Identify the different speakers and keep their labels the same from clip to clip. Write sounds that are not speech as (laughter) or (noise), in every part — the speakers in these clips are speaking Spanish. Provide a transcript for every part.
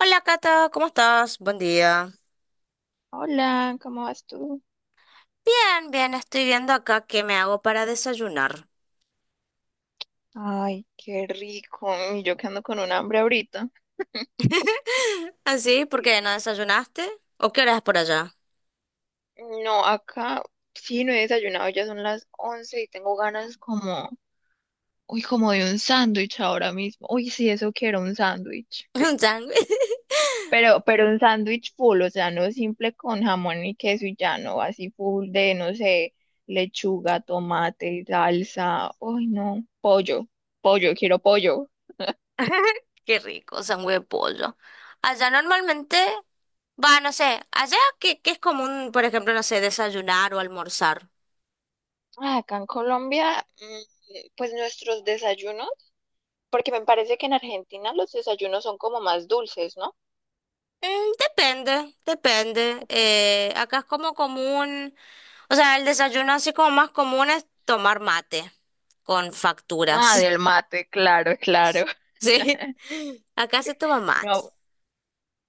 Speaker 1: Hola Cata, ¿cómo estás? Buen día.
Speaker 2: Hola, ¿cómo vas tú?
Speaker 1: Bien, bien, estoy viendo acá qué me hago para desayunar.
Speaker 2: Ay, qué rico. Y yo que ando con un hambre ahorita.
Speaker 1: (laughs) ¿Así? ¿Por qué no desayunaste? ¿O qué hora es por allá?
Speaker 2: No, acá sí no he desayunado, ya son las 11 y tengo ganas como, uy, como de un sándwich ahora mismo. Uy, sí, eso quiero, un sándwich.
Speaker 1: (laughs) Un sándwich.
Speaker 2: Pero un sándwich full, o sea, no simple con jamón y queso y ya, no, así full de, no sé, lechuga, tomate, salsa. Uy, no, pollo, pollo, quiero pollo.
Speaker 1: (laughs) Qué rico, sándwich de pollo. Allá normalmente, va, no sé, allá qué es común, por ejemplo, no sé, desayunar o almorzar.
Speaker 2: Ah, acá en Colombia, pues nuestros desayunos. Porque me parece que en Argentina los desayunos son como más dulces, ¿no?
Speaker 1: Mm, depende, depende. Acá es como común, o sea, el desayuno así como más común es tomar mate con
Speaker 2: Ah,
Speaker 1: facturas.
Speaker 2: del mate, claro, (laughs) claro.
Speaker 1: Sí, (laughs) acá se toma mate.
Speaker 2: No,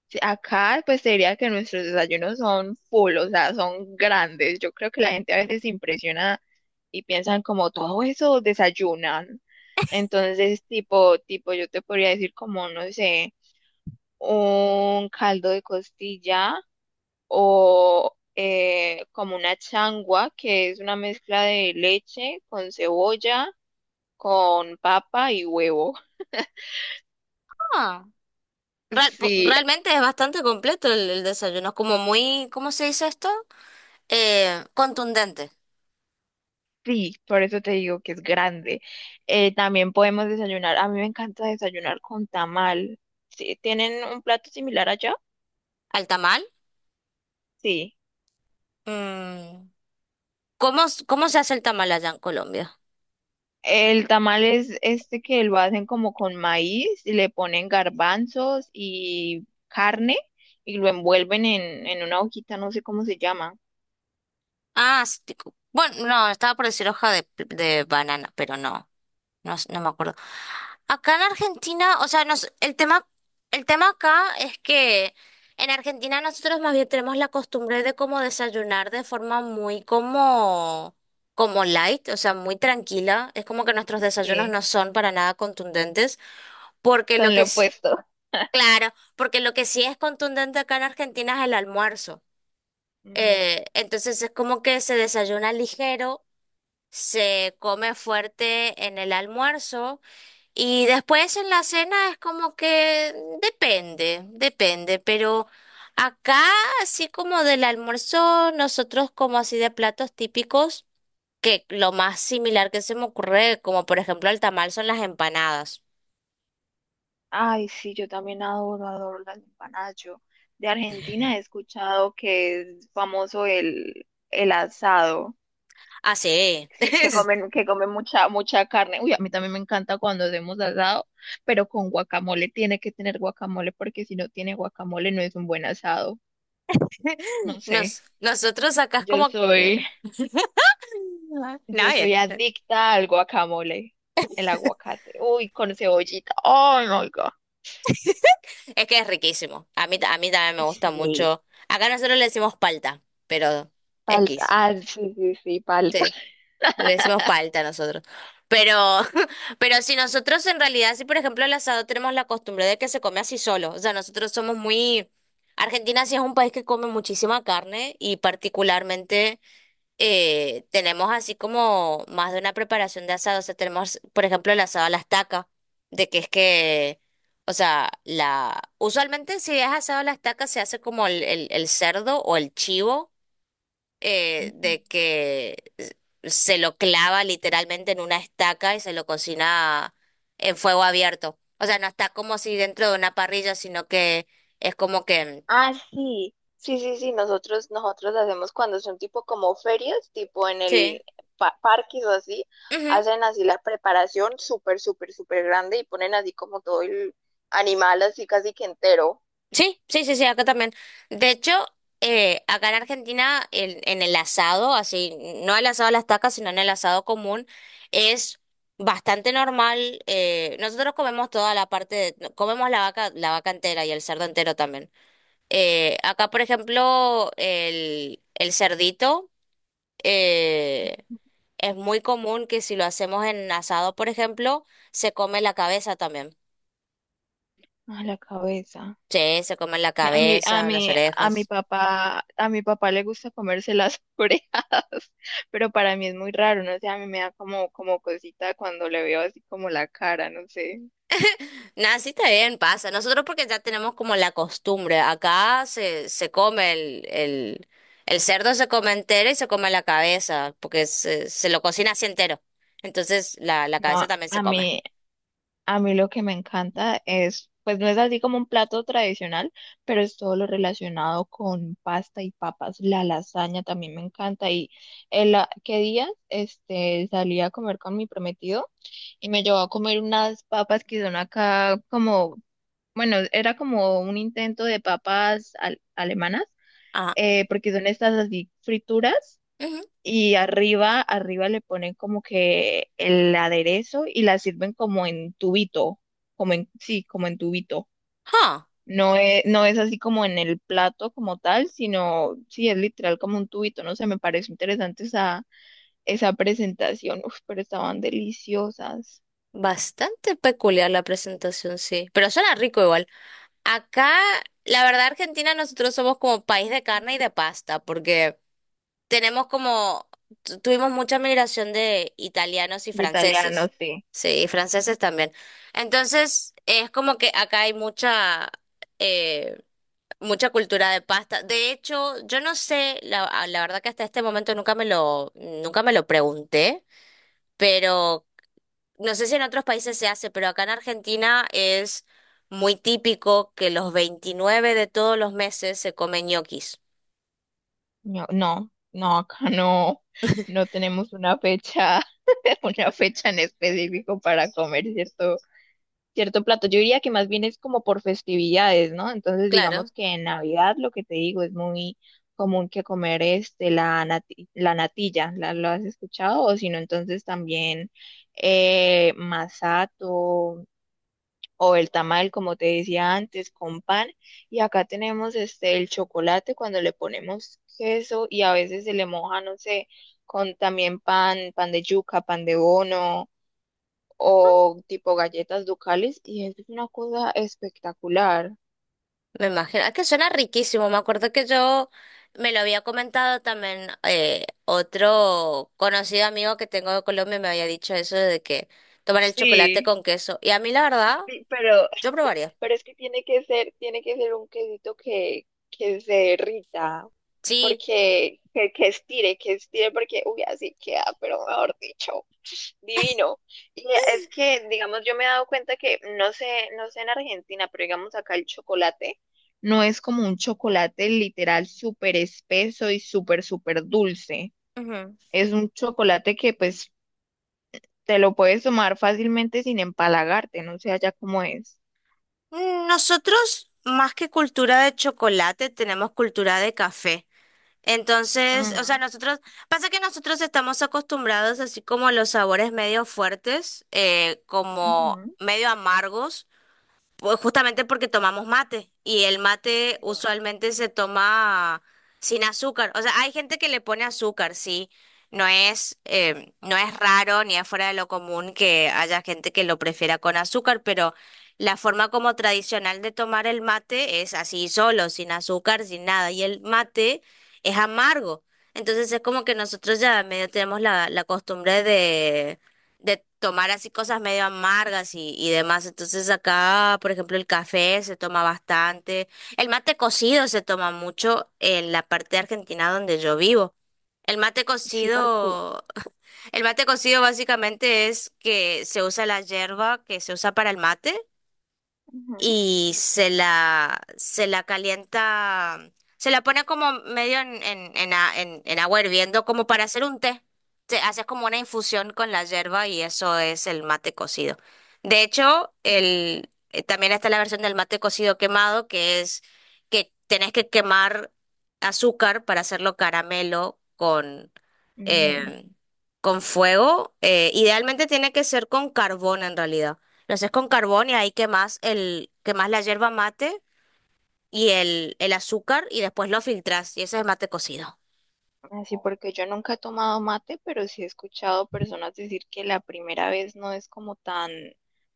Speaker 2: sí, acá pues te diría que nuestros desayunos son full, o sea, son grandes. Yo creo que la gente a veces se impresiona y piensan como todo eso desayunan. Entonces, tipo, yo te podría decir como, no sé, un caldo de costilla o como una changua, que es una mezcla de leche con cebolla con papa y huevo.
Speaker 1: Ah, real- po-
Speaker 2: Sí,
Speaker 1: realmente es bastante completo el desayuno. Es como muy, ¿cómo se dice esto? Contundente.
Speaker 2: sí, por eso te digo que es grande. También podemos desayunar. A mí me encanta desayunar con tamal. Sí, ¿tienen un plato similar allá?
Speaker 1: ¿Al tamal?
Speaker 2: Sí.
Speaker 1: Mm, ¿Cómo se hace el tamal allá en Colombia?
Speaker 2: El tamal es este que lo hacen como con maíz, y le ponen garbanzos y carne y lo envuelven en una hojita, no sé cómo se llama.
Speaker 1: Ah, sí, bueno, no, estaba por decir hoja de banana, pero no, no, no me acuerdo. Acá en Argentina, o sea, el tema acá es que en Argentina nosotros más bien tenemos la costumbre de como desayunar de forma muy como light, o sea, muy tranquila. Es como que nuestros desayunos
Speaker 2: Sí,
Speaker 1: no son para nada contundentes, porque lo
Speaker 2: son
Speaker 1: que
Speaker 2: lo
Speaker 1: es,
Speaker 2: opuesto.
Speaker 1: claro, porque lo que sí es contundente acá en Argentina es el almuerzo. Entonces es como que se desayuna ligero, se come fuerte en el almuerzo. Y después en la cena es como que depende, depende, pero acá así como del almuerzo, nosotros como así de platos típicos, que lo más similar que se me ocurre, como por ejemplo el tamal, son las empanadas.
Speaker 2: Ay, sí, yo también adoro, adoro las empanadas. Yo de Argentina he escuchado que es famoso el asado.
Speaker 1: Ah, sí.
Speaker 2: Sí,
Speaker 1: (laughs)
Speaker 2: que comen mucha, mucha carne. Uy, a mí también me encanta cuando hacemos asado, pero con guacamole tiene que tener guacamole, porque si no tiene guacamole no es un buen asado. No sé.
Speaker 1: Nosotros acá es
Speaker 2: Yo
Speaker 1: como que...
Speaker 2: soy,
Speaker 1: No,
Speaker 2: yo
Speaker 1: es,
Speaker 2: soy
Speaker 1: es
Speaker 2: adicta al guacamole, el aguacate. Uy, con cebollita. Oh my God.
Speaker 1: que es riquísimo. A mí también me gusta
Speaker 2: Sí,
Speaker 1: mucho. Acá nosotros le decimos palta, pero
Speaker 2: palta.
Speaker 1: X.
Speaker 2: Ah, sí, sí, sí, palta.
Speaker 1: Sí. Le decimos palta nosotros. Pero, (laughs) pero si nosotros en realidad, si por ejemplo el asado tenemos la costumbre de que se come así solo, o sea, nosotros somos muy... Argentina sí es un país que come muchísima carne y particularmente tenemos así como más de una preparación de asado, o sea, tenemos por ejemplo el asado a la estaca, de que es que, o sea, la... Usualmente si es asado a la estaca se hace como el cerdo o el chivo,
Speaker 2: Ujú.
Speaker 1: de que se lo clava literalmente en una estaca y se lo cocina en fuego abierto. O sea, no está como si dentro de una parrilla, sino que es como que...
Speaker 2: Ah, sí, sí, sí, sí, nosotros hacemos cuando son tipo como ferias, tipo en el
Speaker 1: Sí.
Speaker 2: parques o así,
Speaker 1: Ujú.
Speaker 2: hacen así la preparación súper, súper, súper grande y ponen así como todo el animal así casi que entero.
Speaker 1: Sí, sí, sí, sí, acá también. De hecho, acá en Argentina, en el asado, así, no el asado a las estaca, sino en el asado común, es... Bastante normal, nosotros comemos toda la parte de, comemos la vaca entera y el cerdo entero también. Acá, por ejemplo, el cerdito, eh, es muy común que si lo hacemos en asado, por ejemplo, se come la cabeza también.
Speaker 2: A la cabeza.
Speaker 1: Sí, se come la cabeza, las orejas.
Speaker 2: A mi papá le gusta comerse las (laughs) orejas, pero para mí es muy raro, no sé, a mí me da como, como cosita cuando le veo así como la cara, no sé.
Speaker 1: Nada, sí está bien, pasa. Nosotros porque ya tenemos como la costumbre. Acá se come el, cerdo, se come entero y se come la cabeza, porque se lo cocina así entero. Entonces la cabeza
Speaker 2: No,
Speaker 1: también se
Speaker 2: a
Speaker 1: come.
Speaker 2: mí, A mí lo que me encanta es, pues no es así como un plato tradicional, pero es todo lo relacionado con pasta y papas. La lasaña también me encanta. Y el, qué día este, salí a comer con mi prometido y me llevó a comer unas papas que son acá como, bueno, era como un intento de papas alemanas,
Speaker 1: Ajá.
Speaker 2: porque son estas así frituras
Speaker 1: Ujú.
Speaker 2: y arriba, arriba le ponen como que el aderezo y la sirven como en tubito, como en, sí, como en tubito.
Speaker 1: Ah.
Speaker 2: No es así como en el plato como tal, sino sí es literal como un tubito, no sé, me pareció interesante esa, esa presentación. Uf, pero estaban deliciosas.
Speaker 1: Bastante peculiar la presentación, sí, pero suena rico igual. Acá, la verdad, Argentina, nosotros somos como país de carne y de pasta, porque tenemos como, tuvimos mucha migración de italianos y
Speaker 2: De italiano,
Speaker 1: franceses,
Speaker 2: sí.
Speaker 1: sí, y franceses también. Entonces, es como que acá hay eh, mucha cultura de pasta. De hecho, yo no sé, la verdad que hasta este momento nunca me lo pregunté. Pero no sé si en otros países se hace, pero acá en Argentina es muy típico que los 29 de todos los meses se comen ñoquis.
Speaker 2: No, no, no, acá no, no tenemos una fecha, (laughs) una fecha en específico para comer, ¿cierto? Cierto plato. Yo diría que más bien es como por festividades, ¿no? Entonces,
Speaker 1: Claro.
Speaker 2: digamos que en Navidad, lo que te digo, es muy común que comer este, la la natilla, ¿la, lo has escuchado? O si no, entonces también masato o el tamal, como te decía antes, con pan. Y acá tenemos este, el chocolate cuando le ponemos queso y a veces se le moja, no sé, con también pan, pan de yuca, pan de bono o tipo galletas ducales y eso es una cosa espectacular.
Speaker 1: Me imagino. Es que suena riquísimo. Me acuerdo que yo me lo había comentado también, otro conocido amigo que tengo de Colombia me había dicho eso de que tomar el chocolate
Speaker 2: Sí,
Speaker 1: con queso. Y a mí la verdad,
Speaker 2: sí,
Speaker 1: yo probaría.
Speaker 2: pero es que tiene que ser un quesito que se derrita,
Speaker 1: Sí.
Speaker 2: porque que estire, que estire, porque uy, así queda, pero mejor dicho, divino. Y es que, digamos, yo me he dado cuenta que, no sé, no sé en Argentina, pero digamos acá el chocolate no es como un chocolate literal súper espeso y súper, súper dulce.
Speaker 1: Ujú.
Speaker 2: Es un chocolate que pues te lo puedes tomar fácilmente sin empalagarte, no sé allá cómo es.
Speaker 1: Nosotros, más que cultura de chocolate, tenemos cultura de café. Entonces, o sea,
Speaker 2: Mm,
Speaker 1: nosotros, pasa que nosotros estamos acostumbrados así como a los sabores medio fuertes, como
Speaker 2: ujú,
Speaker 1: medio amargos. Pues justamente porque tomamos mate y el mate
Speaker 2: sí,
Speaker 1: usualmente se toma sin azúcar. O sea, hay gente que le pone azúcar, sí. No es raro ni es fuera de lo común que haya gente que lo prefiera con azúcar, pero la forma como tradicional de tomar el mate es así solo, sin azúcar, sin nada. Y el mate es amargo. Entonces es como que nosotros ya medio tenemos la costumbre de tomar así cosas medio amargas y demás. Entonces acá, por ejemplo, el café se toma bastante, el mate cocido se toma mucho en la parte de Argentina donde yo vivo. El mate
Speaker 2: sí, porque,
Speaker 1: cocido, (laughs) el mate cocido básicamente es que se usa la yerba que se usa para el mate
Speaker 2: ujú,
Speaker 1: y se la calienta, se la pone como medio en agua hirviendo, como para hacer un té. Te haces como una infusión con la yerba y eso es el mate cocido. De hecho, también está la versión del mate cocido quemado, que es que tenés que quemar azúcar para hacerlo caramelo
Speaker 2: mm,
Speaker 1: eh, con fuego. Idealmente tiene que ser con carbón en realidad. Lo haces con carbón y ahí quemas la yerba mate y el azúcar y después lo filtras y ese es mate cocido.
Speaker 2: así porque yo nunca he tomado mate, pero sí he escuchado personas decir que la primera vez no es como tan,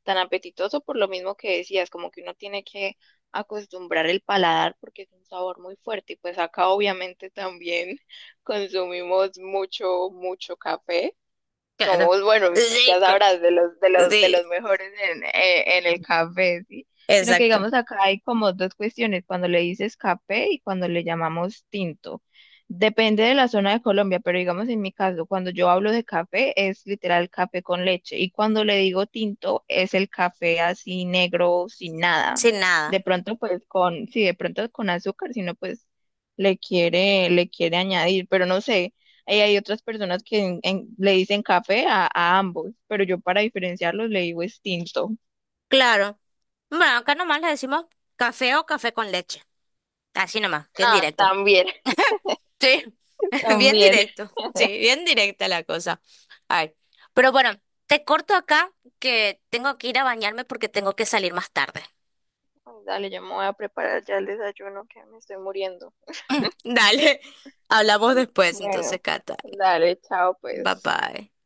Speaker 2: tan apetitoso por lo mismo que decías, como que uno tiene que acostumbrar el paladar porque es un sabor muy fuerte y pues acá obviamente también (laughs) consumimos mucho, mucho café.
Speaker 1: Claro.
Speaker 2: Somos, bueno,
Speaker 1: Sí,
Speaker 2: ya
Speaker 1: co-
Speaker 2: sabrás, de los, de los, de
Speaker 1: sí,
Speaker 2: los mejores en el café, ¿sí? Sino que
Speaker 1: exacto.
Speaker 2: digamos acá hay como dos cuestiones, cuando le dices café y cuando le llamamos tinto. Depende de la zona de Colombia, pero digamos en mi caso, cuando yo hablo de café es literal café con leche y cuando le digo tinto es el café así negro, sin nada.
Speaker 1: Sin
Speaker 2: De
Speaker 1: nada.
Speaker 2: pronto pues con, sí, de pronto con azúcar, sino pues le quiere añadir, pero no sé. Hay otras personas que le dicen café a ambos, pero yo para diferenciarlos le digo es tinto.
Speaker 1: Claro. Bueno, acá nomás le decimos café o café con leche. Así nomás, bien
Speaker 2: Ah,
Speaker 1: directo.
Speaker 2: también,
Speaker 1: Sí,
Speaker 2: (laughs)
Speaker 1: (laughs) bien
Speaker 2: también.
Speaker 1: directo, sí, bien directa la cosa. Ay, pero bueno, te corto acá que tengo que ir a bañarme porque tengo que salir más tarde.
Speaker 2: Dale, yo me voy a preparar ya el desayuno que me estoy muriendo.
Speaker 1: Dale, (laughs) hablamos después, entonces,
Speaker 2: Bueno,
Speaker 1: Cata.
Speaker 2: dale, chao
Speaker 1: Bye
Speaker 2: pues.
Speaker 1: bye.